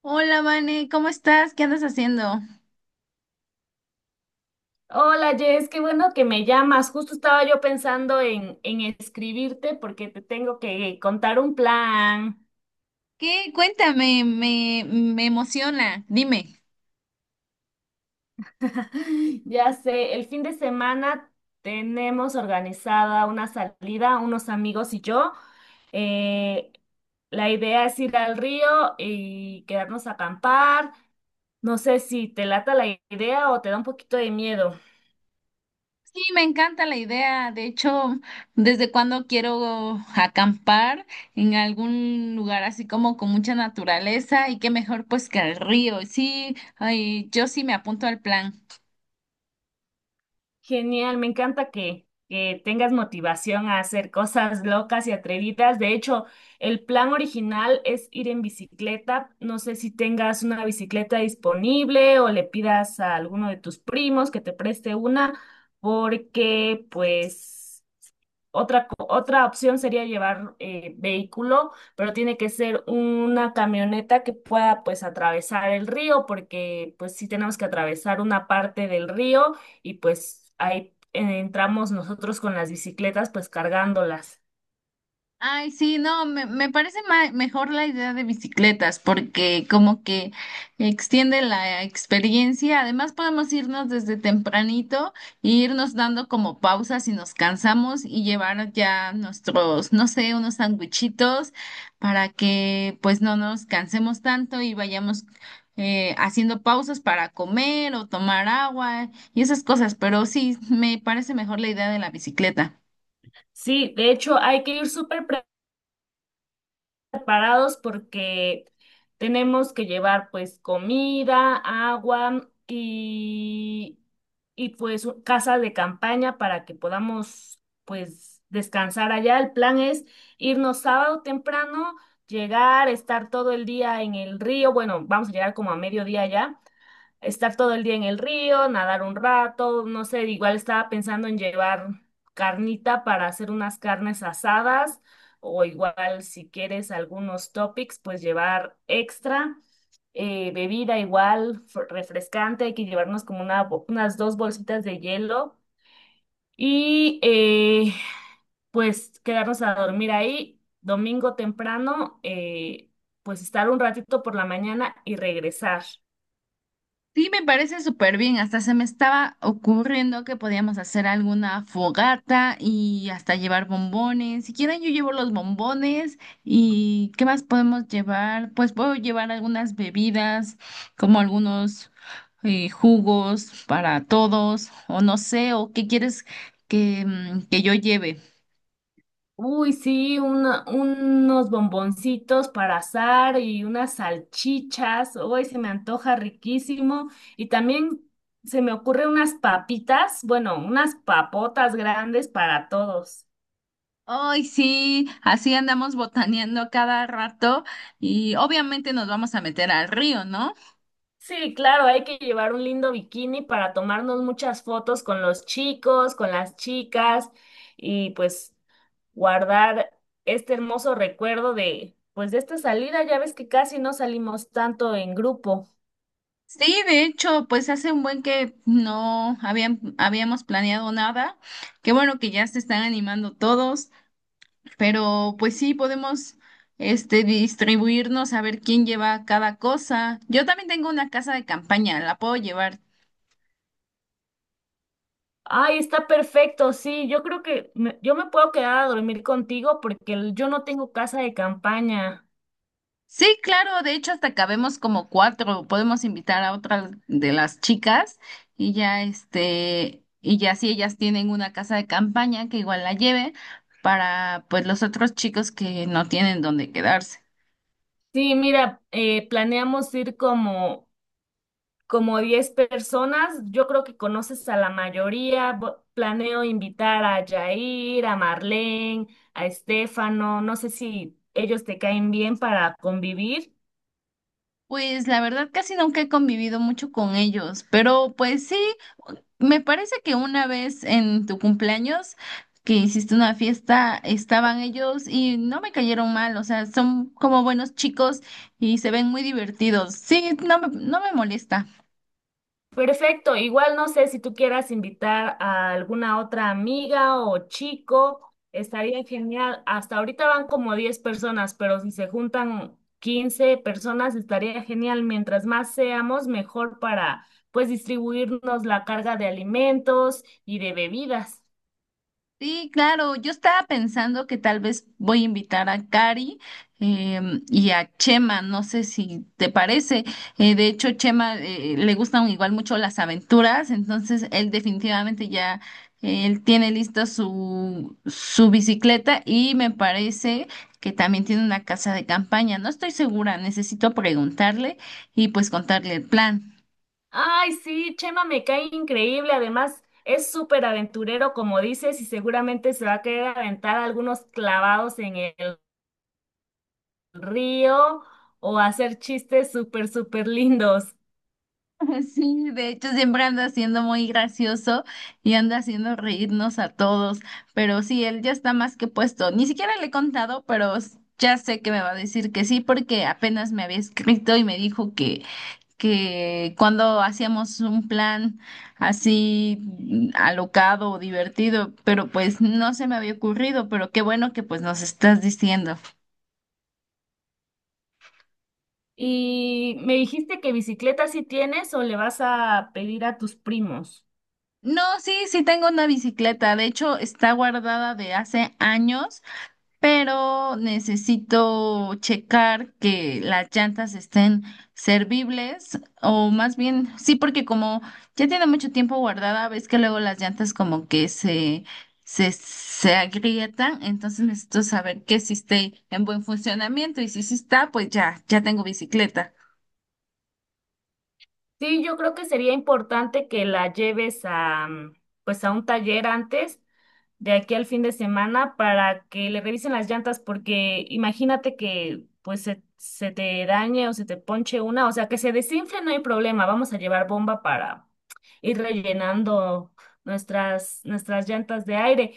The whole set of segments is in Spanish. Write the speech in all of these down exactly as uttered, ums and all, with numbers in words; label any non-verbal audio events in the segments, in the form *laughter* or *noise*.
Hola, Vane, ¿cómo estás? ¿Qué andas haciendo? Hola Jess, qué bueno que me llamas. Justo estaba yo pensando en, en escribirte porque te tengo que contar un plan. ¿Qué? Cuéntame, me, me emociona. Dime. *laughs* Ya sé, el fin de semana tenemos organizada una salida, unos amigos y yo. Eh, la idea es ir al río y quedarnos a acampar. No sé si te lata la idea o te da un poquito de miedo. Sí, me encanta la idea. De hecho, desde cuando quiero acampar en algún lugar así como con mucha naturaleza y qué mejor pues que el río. Sí, ay, yo sí me apunto al plan. Genial, me encanta que, que tengas motivación a hacer cosas locas y atrevidas. De hecho, el plan original es ir en bicicleta. No sé si tengas una bicicleta disponible o le pidas a alguno de tus primos que te preste una, porque pues otra, co- otra opción sería llevar eh, vehículo, pero tiene que ser una camioneta que pueda pues atravesar el río, porque pues sí tenemos que atravesar una parte del río y pues ahí eh, entramos nosotros con las bicicletas pues cargándolas. Ay, sí, no, me, me parece ma- mejor la idea de bicicletas porque como que extiende la experiencia. Además, podemos irnos desde tempranito e irnos dando como pausas si nos cansamos y llevar ya nuestros, no sé, unos sanguichitos para que pues no nos cansemos tanto y vayamos eh, haciendo pausas para comer o tomar agua y esas cosas. Pero sí, me parece mejor la idea de la bicicleta. Sí, de hecho hay que ir súper preparados porque tenemos que llevar pues comida, agua y, y pues u- casa de campaña para que podamos pues descansar allá. El plan es irnos sábado temprano, llegar, estar todo el día en el río. Bueno, vamos a llegar como a mediodía allá, estar todo el día en el río, nadar un rato, no sé, igual estaba pensando en llevar carnita para hacer unas carnes asadas o igual si quieres algunos topics, pues llevar extra. Eh, bebida igual, fr- refrescante, hay que llevarnos como una, bo- unas dos bolsitas de hielo y eh, pues quedarnos a dormir ahí domingo temprano, eh, pues estar un ratito por la mañana y regresar. Sí, me parece súper bien. Hasta se me estaba ocurriendo que podíamos hacer alguna fogata y hasta llevar bombones. Si quieren, yo llevo los bombones. ¿Y qué más podemos llevar? Pues puedo llevar algunas bebidas, como algunos eh, jugos para todos, o no sé, o qué quieres que, mm, que yo lleve. Uy, sí, una- unos bomboncitos para asar y unas salchichas. Uy, se me antoja riquísimo. Y también se me ocurre unas papitas, bueno, unas papotas grandes para todos. Ay, sí, así andamos botaneando cada rato y obviamente nos vamos a meter al río, ¿no? Sí, claro, hay que llevar un lindo bikini para tomarnos muchas fotos con los chicos, con las chicas y pues guardar este hermoso recuerdo de, pues de esta salida. Ya ves que casi no salimos tanto en grupo. Sí, de hecho, pues hace un buen que no habían, habíamos planeado nada. Qué bueno que ya se están animando todos, pero pues sí, podemos este, distribuirnos a ver quién lleva cada cosa. Yo también tengo una casa de campaña, la puedo llevar. Ay, está perfecto, sí, yo creo que me- yo me puedo quedar a dormir contigo porque el- yo no tengo casa de campaña. Sí, claro, de hecho hasta cabemos como cuatro, podemos invitar a otras de las chicas y ya este, y ya si ellas tienen una casa de campaña que igual la lleve para pues los otros chicos que no tienen dónde quedarse. Sí, mira, eh, planeamos ir como, como diez personas, yo creo que conoces a la mayoría. Vo- planeo invitar a Jair, a Marlene, a Estefano, no sé si ellos te caen bien para convivir. Pues la verdad casi nunca he convivido mucho con ellos, pero pues sí, me parece que una vez en tu cumpleaños que hiciste una fiesta, estaban ellos y no me cayeron mal, o sea, son como buenos chicos y se ven muy divertidos. Sí, no me, no me molesta. Perfecto, igual no sé si tú quieras invitar a alguna otra amiga o chico, estaría genial. Hasta ahorita van como diez personas, pero si se juntan quince personas estaría genial. Mientras más seamos, mejor para pues distribuirnos la carga de alimentos y de bebidas. Sí, claro, yo estaba pensando que tal vez voy a invitar a Cari em, y a Chema, no sé si te parece. Eh, de hecho, Chema eh, le gustan igual mucho las aventuras, entonces él definitivamente ya eh, él tiene lista su, su bicicleta y me parece que también tiene una casa de campaña. No estoy segura, necesito preguntarle y pues contarle el plan. Ay, sí, Chema me cae increíble. Además, es súper aventurero, como dices, y seguramente se va a querer aventar algunos clavados en el río o hacer chistes súper, súper lindos. *laughs* Sí, de hecho siempre anda siendo muy gracioso y anda haciendo reírnos a todos, pero sí, él ya está más que puesto. Ni siquiera le he contado, pero s- ya sé que me va a decir que sí, porque apenas me había escrito y me dijo que, que cuando hacíamos un plan así mm, alocado o divertido, pero pues no se me había ocurrido, pero qué bueno que pues nos estás diciendo. Y me dijiste que bicicleta sí tienes o le vas a pedir a tus primos. No, sí, sí tengo una bicicleta, de hecho está guardada de hace años. Pero necesito checar que las llantas estén servibles o más bien, sí, porque como ya tiene mucho tiempo guardada, ves que luego las llantas como que se, se, se agrietan, entonces necesito saber que sí esté en buen funcionamiento y si sí está, pues ya, ya tengo bicicleta. Sí, yo creo que sería importante que la lleves a, mm, pues a un taller antes de aquí al fin de semana para que le revisen las llantas, porque imagínate que pues se, se te dañe o se te ponche una, o sea, que se desinfle, no hay problema, vamos a llevar bomba para ir rellenando nuestras, nuestras llantas de aire,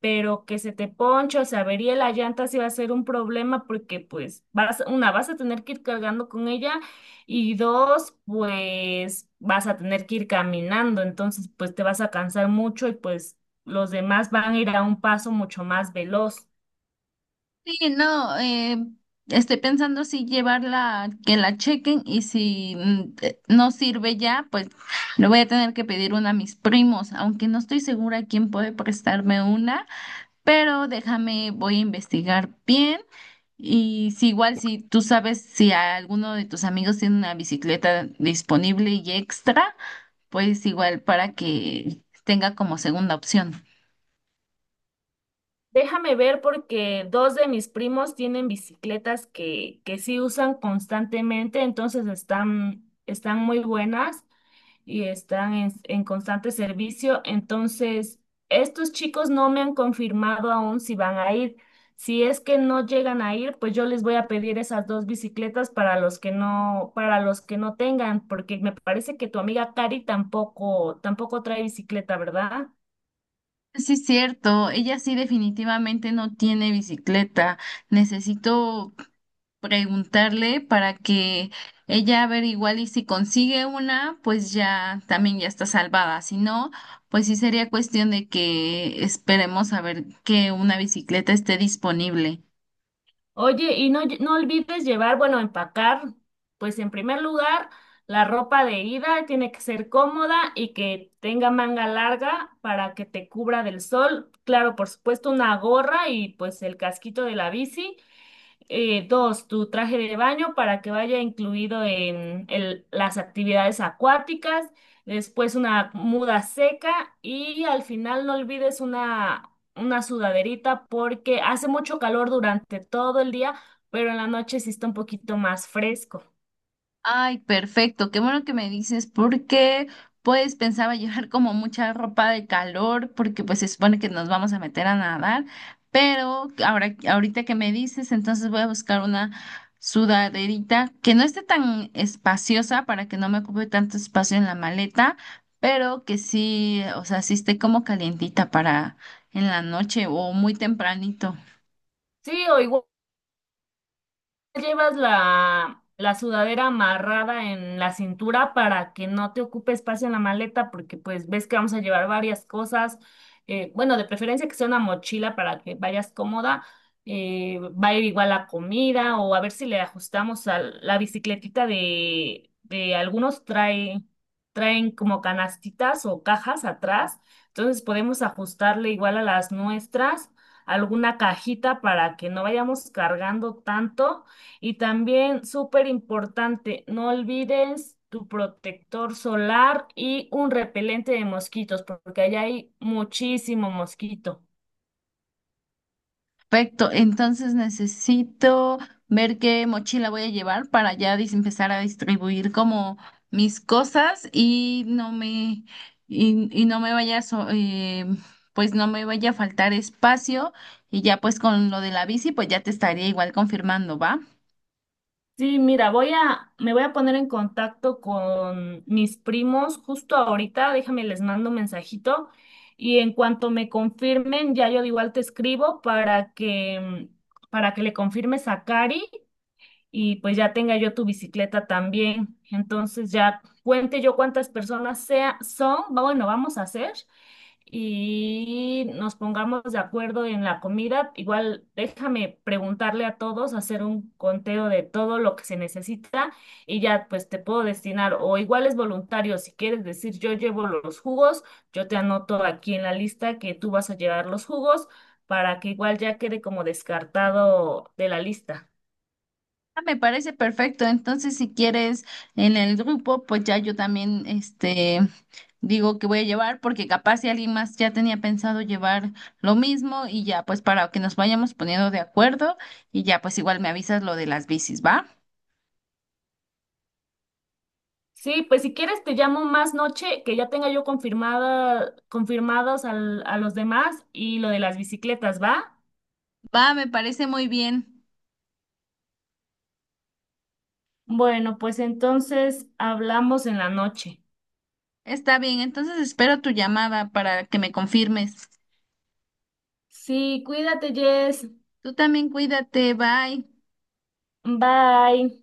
pero que se te ponche o se averíe la llanta sí va a ser un problema porque pues vas, una, vas a tener que ir cargando con ella y dos, pues vas a tener que ir caminando, entonces pues te vas a cansar mucho y pues los demás van a ir a un paso mucho más veloz. Sí, no, eh, estoy pensando si llevarla, que la chequen y si mm, eh, no sirve ya, pues le voy a tener que pedir una a mis primos, aunque no estoy segura quién puede prestarme una, pero déjame, voy a investigar bien y si igual si tú sabes si alguno de tus amigos tiene una bicicleta disponible y extra, pues igual para que tenga como segunda opción. Déjame ver porque dos de mis primos tienen bicicletas que, que sí usan constantemente, entonces están, están muy buenas y están en, en constante servicio. Entonces, estos chicos no me han confirmado aún si van a ir. Si es que no llegan a ir, pues yo les voy a pedir esas dos bicicletas para los que no, para los que no tengan, porque me parece que tu amiga Cari tampoco, tampoco trae bicicleta, ¿verdad? Sí, es cierto, ella sí definitivamente no tiene bicicleta. Necesito preguntarle para que ella a ver igual y si consigue una, pues ya también ya está salvada. Si no, pues sí sería cuestión de que esperemos a ver que una bicicleta esté disponible. Oye, y no, lle- no olvides llevar, bueno, empacar, pues en primer lugar, la ropa de ida tiene que ser cómoda y que tenga manga larga para que te cubra del sol. Claro, por supuesto, una gorra y pues el casquito de la bici. Eh, dos, tu traje de baño para que vaya incluido en el- las actividades acuáticas, después una muda seca y al final no olvides una, una sudaderita porque hace mucho calor durante todo el día, pero en la noche sí está un poquito más fresco. Ay, perfecto, qué bueno que me dices, porque pues pensaba llevar como mucha ropa de calor, porque pues se supone que nos vamos a meter a nadar, pero ahora, ahorita que me dices, entonces voy a buscar una sudaderita que no esté tan espaciosa para que no me ocupe tanto espacio en la maleta, pero que sí, o sea, sí esté como calientita para en la noche o muy tempranito. Sí, o igual llevas la, la sudadera amarrada en la cintura para que no te ocupe espacio en la maleta, porque pues ves que vamos a llevar varias cosas. Eh, bueno, de preferencia que sea una mochila para que vayas cómoda. Eh, va a ir igual la comida, o a ver si le ajustamos a la bicicletita de, de algunos trae, traen como canastitas o cajas atrás, entonces podemos ajustarle igual a las nuestras alguna cajita para que no vayamos cargando tanto y también, súper importante, no olvides tu protector solar y un repelente de mosquitos, porque allá hay muchísimo mosquito. Perfecto, entonces necesito ver qué mochila voy a llevar para ya dis- empezar a distribuir como mis cosas y no me y, y no me vaya a so- eh, pues no me vaya a faltar espacio y ya pues con lo de la bici pues ya te estaría igual confirmando, ¿va? Sí, mira, voy a, me voy a poner en contacto con mis primos justo ahorita, déjame les mando un mensajito y en cuanto me confirmen, ya yo igual te escribo para que, para que le confirmes a Cari y pues ya tenga yo tu bicicleta también. Entonces ya cuente yo cuántas personas sea, son, va- bueno, vamos a hacer y nos pongamos de acuerdo en la comida. Igual déjame preguntarle a todos, hacer un conteo de todo lo que se necesita y ya pues te puedo destinar o igual es voluntario, si quieres decir yo llevo los jugos, yo te anoto aquí en la lista que tú vas a llevar los jugos para que igual ya quede como descartado de la lista. Ah, me parece perfecto. Entonces, si quieres en el grupo, pues ya yo también, este, digo que voy a llevar, porque capaz si alguien más ya tenía pensado llevar lo mismo y ya, pues para que nos vayamos poniendo de acuerdo y ya, pues igual me avisas lo de las bicis, ¿va? Sí, pues si quieres te llamo más noche, que ya tenga yo confirmada, confirmados al- a los demás y lo de las bicicletas, ¿va? Va, me parece muy bien. Bueno, pues entonces hablamos en la noche. Está bien, entonces espero tu llamada para que me confirmes. Sí, cuídate, Jess. Tú también cuídate, bye. Bye.